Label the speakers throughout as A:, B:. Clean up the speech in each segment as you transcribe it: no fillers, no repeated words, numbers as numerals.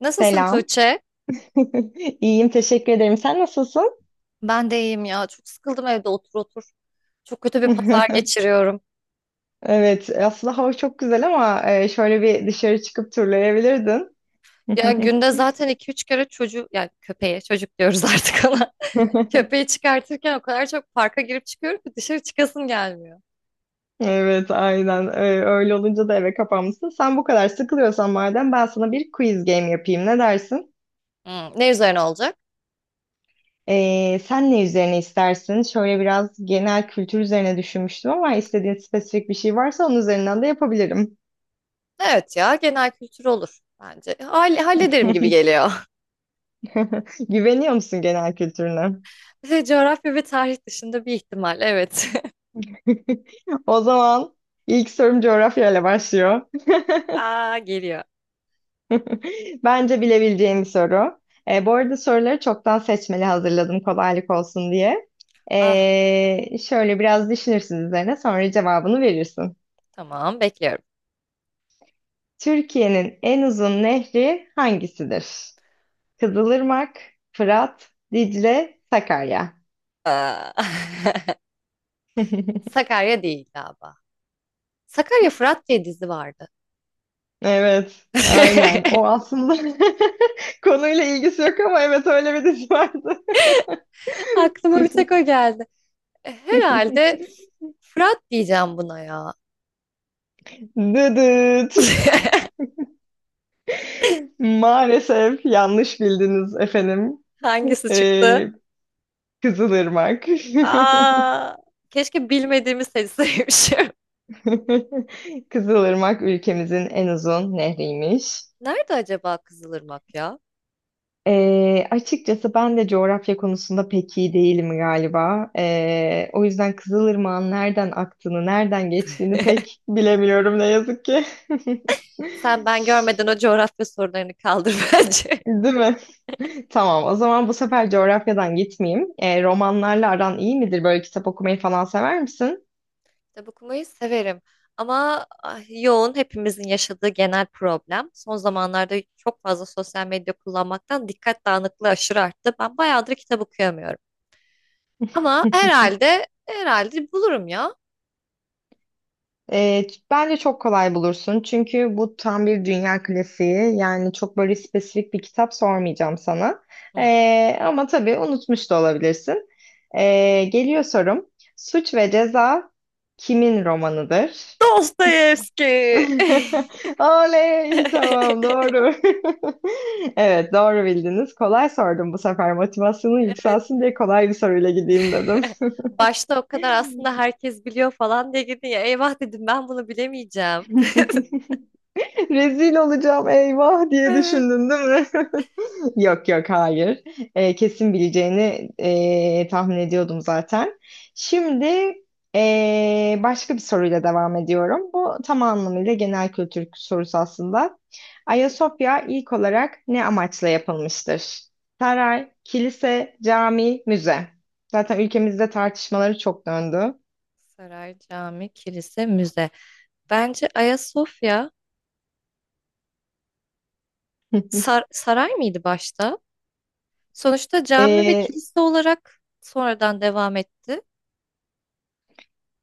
A: Nasılsın
B: Selam.
A: Tuğçe?
B: İyiyim, teşekkür ederim. Sen nasılsın?
A: Ben de iyiyim ya. Çok sıkıldım evde otur otur. Çok kötü bir pazar geçiriyorum.
B: Evet, aslında hava çok güzel ama şöyle bir dışarı çıkıp turlayabilirdin.
A: Ya günde zaten iki üç kere çocuğu, yani köpeğe, çocuk diyoruz artık ona. Köpeği çıkartırken o kadar çok parka girip çıkıyorum ki dışarı çıkasım gelmiyor.
B: Evet, aynen. Öyle olunca da eve kapanmışsın. Sen bu kadar sıkılıyorsan madem ben sana bir quiz game yapayım. Ne dersin?
A: Hmm, ne üzerine olacak?
B: Sen ne üzerine istersin? Şöyle biraz genel kültür üzerine düşünmüştüm ama istediğin spesifik bir şey varsa onun üzerinden de yapabilirim.
A: Evet ya, genel kültür olur bence. Hallederim gibi geliyor.
B: Güveniyor musun genel kültürüne?
A: Coğrafya ve tarih dışında bir ihtimal, evet.
B: O zaman ilk sorum coğrafyayla başlıyor.
A: Aa, geliyor.
B: Bence bilebileceğim bir soru. Bu arada soruları çoktan seçmeli hazırladım kolaylık olsun diye.
A: Ah,
B: Şöyle biraz düşünürsün üzerine sonra cevabını verirsin.
A: tamam, bekliyorum.
B: Türkiye'nin en uzun nehri hangisidir? Kızılırmak, Fırat, Dicle, Sakarya.
A: Aa. Sakarya değil galiba. Sakarya Fırat diye dizi vardı.
B: Evet, aynen. O aslında konuyla ilgisi yok ama evet öyle bir dizi vardı.
A: Aklıma bir tek o geldi. Herhalde Fırat diyeceğim buna ya.
B: Dıdıt. Maalesef yanlış bildiniz efendim.
A: Hangisi çıktı?
B: Ee, Kızılırmak.
A: Aa, keşke bilmediğimi seçseymişim.
B: Kızılırmak ülkemizin en uzun nehriymiş.
A: Nerede acaba Kızılırmak ya?
B: Açıkçası ben de coğrafya konusunda pek iyi değilim galiba. O yüzden Kızılırmak'ın nereden aktığını, nereden geçtiğini pek bilemiyorum ne yazık ki.
A: Sen ben görmeden o coğrafya sorularını kaldır bence.
B: Değil mi? Tamam, o zaman bu sefer coğrafyadan gitmeyeyim. Romanlarla aran iyi midir? Böyle kitap okumayı falan sever misin?
A: Kitap okumayı severim. Ama yoğun hepimizin yaşadığı genel problem. Son zamanlarda çok fazla sosyal medya kullanmaktan dikkat dağınıklığı aşırı arttı. Ben bayağıdır kitap okuyamıyorum. Ama herhalde bulurum ya.
B: Bence çok kolay bulursun. Çünkü bu tam bir dünya klasiği. Yani çok böyle spesifik bir kitap sormayacağım sana.
A: Hı.
B: Ama tabii unutmuş da olabilirsin. Geliyor sorum. Suç ve Ceza kimin romanıdır?
A: Dostoyevski.
B: Oley, tamam doğru. Evet doğru bildiniz. Kolay sordum bu sefer. Motivasyonu
A: Evet.
B: yükselsin diye kolay bir soruyla gideyim dedim.
A: Başta o kadar aslında herkes biliyor falan diye gidin ya. Eyvah dedim, ben bunu bilemeyeceğim.
B: Rezil olacağım eyvah diye
A: Evet.
B: düşündün değil mi? Yok yok hayır. Kesin bileceğini tahmin ediyordum zaten. Şimdi başka bir soruyla devam ediyorum. Bu tam anlamıyla genel kültür sorusu aslında. Ayasofya ilk olarak ne amaçla yapılmıştır? Saray, kilise, cami, müze. Zaten ülkemizde tartışmaları çok döndü.
A: Saray, cami, kilise, müze. Bence Ayasofya saray mıydı başta? Sonuçta cami ve
B: Ee,
A: kilise olarak sonradan devam etti.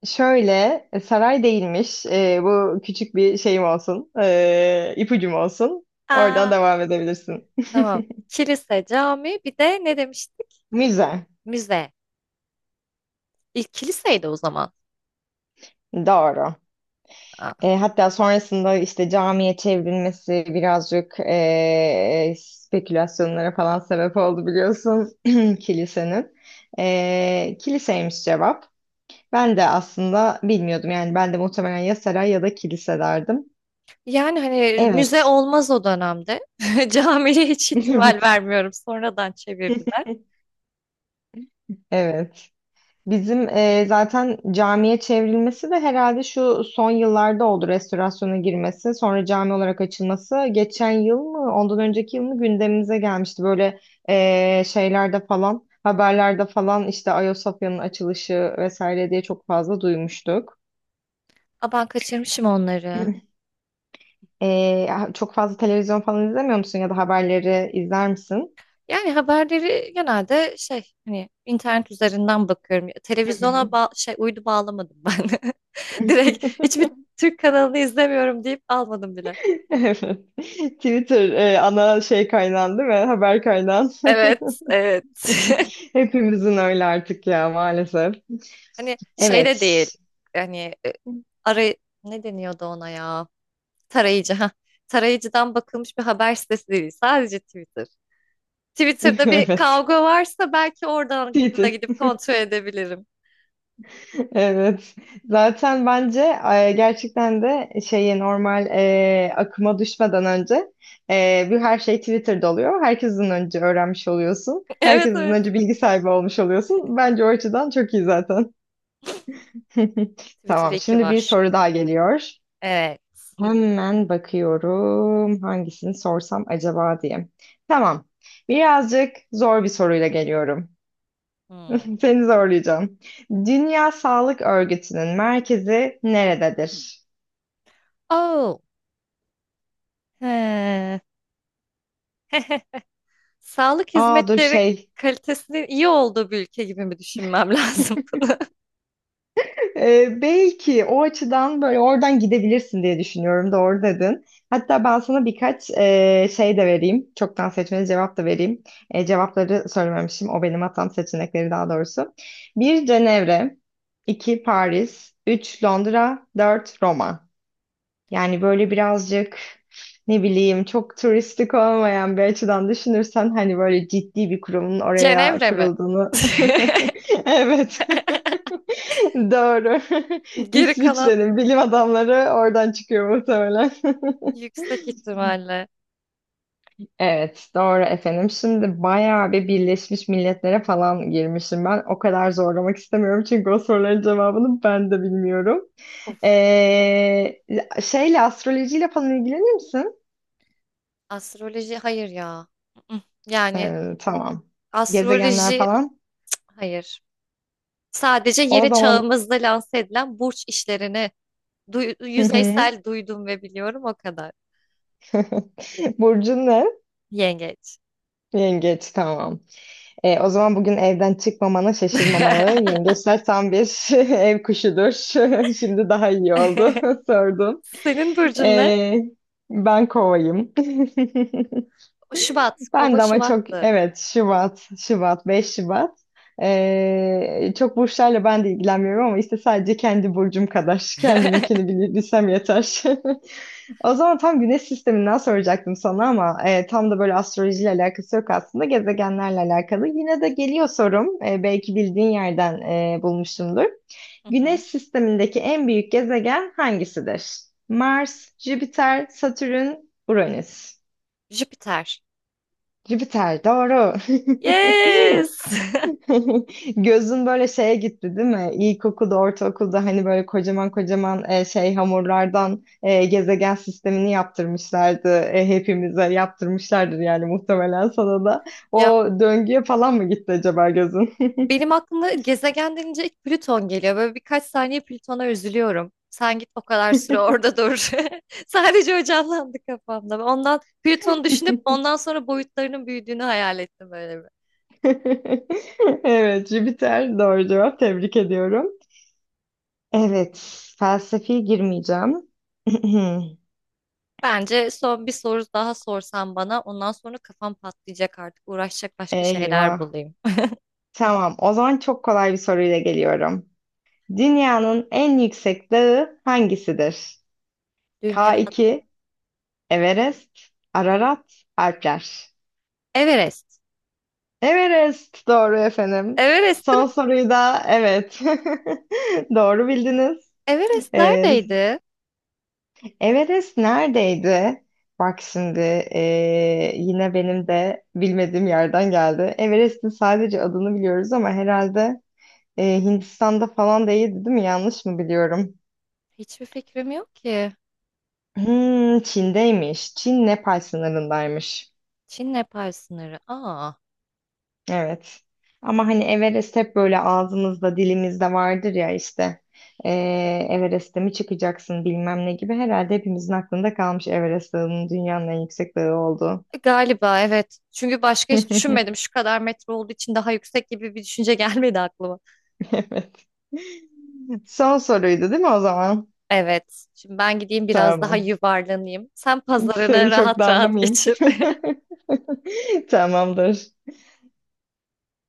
B: Şöyle saray değilmiş. Bu küçük bir şeyim olsun. E, ipucum olsun. Oradan
A: Aa,
B: devam edebilirsin.
A: tamam. Kilise, cami, bir de ne demiştik?
B: Müze.
A: Müze. İlk kiliseydi o zaman.
B: Doğru.
A: Aa.
B: Hatta sonrasında işte camiye çevrilmesi birazcık spekülasyonlara falan sebep oldu biliyorsun kilisenin. Kiliseymiş cevap. Ben de aslında bilmiyordum yani ben de muhtemelen ya saray ya da kilise derdim.
A: Yani hani müze
B: Evet.
A: olmaz o dönemde. Camiye hiç ihtimal vermiyorum. Sonradan çevirdiler.
B: Evet. Bizim zaten camiye çevrilmesi de herhalde şu son yıllarda oldu restorasyona girmesi, sonra cami olarak açılması. Geçen yıl mı, ondan önceki yıl mı gündemimize gelmişti. Böyle şeylerde falan, haberlerde falan işte Ayasofya'nın açılışı vesaire diye çok fazla duymuştuk.
A: Aa, ben kaçırmışım onları.
B: E, çok fazla televizyon falan izlemiyor musun ya da haberleri izler misin?
A: Yani haberleri genelde şey, hani, internet üzerinden bakıyorum.
B: Hı
A: Televizyona
B: hı.
A: şey, uydu bağlamadım ben. Direkt hiçbir Türk kanalını izlemiyorum deyip almadım bile.
B: Evet. Twitter ana şey kaynağın değil mi? Haber kaynağın.
A: Evet, evet.
B: Hepimizin öyle artık ya maalesef.
A: Hani şey de değil.
B: Evet.
A: Hani e, aray, ne deniyordu ona ya? Tarayıcı, ha. Tarayıcıdan bakılmış bir haber sitesi değil. Sadece Twitter. Twitter'da bir
B: Evet.
A: kavga varsa belki oradan Google'a
B: Titi.
A: gidip kontrol edebilirim.
B: Evet. Zaten bence gerçekten de şeye normal akıma düşmeden önce bir her şey Twitter'da oluyor. Herkesten önce öğrenmiş oluyorsun.
A: Evet,
B: Herkesten
A: evet.
B: önce bilgi sahibi olmuş oluyorsun. Bence o açıdan çok iyi zaten.
A: Twitter
B: Tamam,
A: iki
B: şimdi bir
A: var.
B: soru daha geliyor.
A: Evet.
B: Hemen bakıyorum hangisini sorsam acaba diye. Tamam. Birazcık zor bir soruyla geliyorum.
A: Hmm.
B: Seni zorlayacağım. Dünya Sağlık Örgütü'nün merkezi nerededir?
A: Oh. He. Sağlık
B: Aa dur
A: hizmetleri
B: şey.
A: kalitesinin iyi olduğu bir ülke gibi mi düşünmem lazım bunu?
B: Belki o açıdan böyle oradan gidebilirsin diye düşünüyorum. Doğru dedin. Hatta ben sana birkaç şey de vereyim. Çoktan seçmeli cevap da vereyim. Cevapları söylememişim. O benim hatam seçenekleri daha doğrusu. Bir Cenevre. 2 Paris, 3 Londra, 4 Roma. Yani böyle birazcık ne bileyim çok turistik olmayan bir açıdan düşünürsen hani böyle ciddi bir kurumun oraya
A: Cenevre mi?
B: kurulduğunu. Evet. Doğru.
A: Geri kalan
B: İsviçre'nin bilim adamları oradan çıkıyor muhtemelen.
A: yüksek ihtimalle.
B: Evet, doğru efendim. Şimdi bayağı bir Birleşmiş Milletler'e falan girmişim ben. O kadar zorlamak istemiyorum çünkü o soruların cevabını ben de bilmiyorum.
A: Of.
B: Ee, Şeyle astrolojiyle falan ilgilenir misin?
A: Astroloji hayır ya. Mm-mm. Yani
B: Tamam. Gezegenler
A: astroloji
B: falan.
A: hayır. Sadece
B: O
A: yeni
B: zaman.
A: çağımızda lanse edilen burç işlerini
B: Hı hı.
A: yüzeysel duydum ve biliyorum o kadar.
B: Burcun ne?
A: Yengeç.
B: Yengeç tamam. O zaman bugün evden çıkmamana şaşırmamalı. Yengeçler tam bir ev kuşudur. Şimdi daha iyi oldu sordun.
A: Senin burcun ne?
B: Ee, Ben kovayım.
A: Şubat.
B: Ben
A: Kova
B: de ama çok
A: Şubat'tı.
B: evet Şubat, Şubat, 5 Şubat. Çok burçlarla ben de ilgilenmiyorum ama işte sadece kendi burcum kadar. Kendiminkini bilsem yeter. O zaman tam güneş sisteminden soracaktım sana ama tam da böyle astrolojiyle alakası yok aslında. Gezegenlerle alakalı. Yine de geliyor sorum. Belki bildiğin yerden bulmuşumdur.
A: Hı
B: Güneş
A: hı.
B: sistemindeki en büyük gezegen hangisidir? Mars, Jüpiter, Satürn, Uranüs.
A: Jüpiter.
B: Jüpiter doğru.
A: Yes!
B: Gözün böyle şeye gitti değil mi? İlkokulda, ortaokulda hani böyle kocaman kocaman şey hamurlardan gezegen sistemini yaptırmışlardı. Hepimize yaptırmışlardır yani muhtemelen sana da.
A: Ya,
B: O döngüye falan mı gitti acaba gözün?
A: benim aklıma gezegen denince ilk Plüton geliyor. Böyle birkaç saniye Plüton'a üzülüyorum. Sen git o kadar süre orada dur. Sadece o canlandı kafamda. Ondan Plüton'u düşünüp ondan sonra boyutlarının büyüdüğünü hayal ettim böyle.
B: Evet, Jüpiter doğru cevap. Tebrik ediyorum. Evet, felsefi girmeyeceğim.
A: Bence son bir soru daha sorsan bana, ondan sonra kafam patlayacak, artık uğraşacak başka şeyler
B: Eyvah.
A: bulayım.
B: Tamam, o zaman çok kolay bir soruyla geliyorum. Dünyanın en yüksek dağı hangisidir?
A: Dünya.
B: K2, Everest, Ararat, Alpler.
A: Everest.
B: Everest doğru efendim.
A: Everest mi?
B: Son soruyu da evet. Doğru bildiniz.
A: Everest
B: Ee,
A: neredeydi?
B: Everest neredeydi? Bak şimdi yine benim de bilmediğim yerden geldi. Everest'in sadece adını biliyoruz ama herhalde Hindistan'da falan değildi, değil mi? Yanlış mı biliyorum?
A: Hiçbir fikrim yok ki.
B: Hmm, Çin'deymiş. Çin Nepal sınırındaymış.
A: Çin Nepal sınırı. Aa,
B: Evet. Ama hani Everest hep böyle ağzımızda dilimizde vardır ya işte. Ee, Everest'e mi çıkacaksın bilmem ne gibi. Herhalde hepimizin aklında kalmış Everest Dağı'nın dünyanın en yüksek dağı olduğu.
A: galiba evet. Çünkü başka hiç düşünmedim. Şu kadar metre olduğu için daha yüksek gibi bir düşünce gelmedi aklıma.
B: Evet. Son soruydu değil mi o zaman?
A: Evet. Şimdi ben gideyim biraz daha
B: Tamam.
A: yuvarlanayım. Sen pazarını
B: Seni çok
A: rahat rahat
B: darlamayayım.
A: geçir.
B: Tamamdır.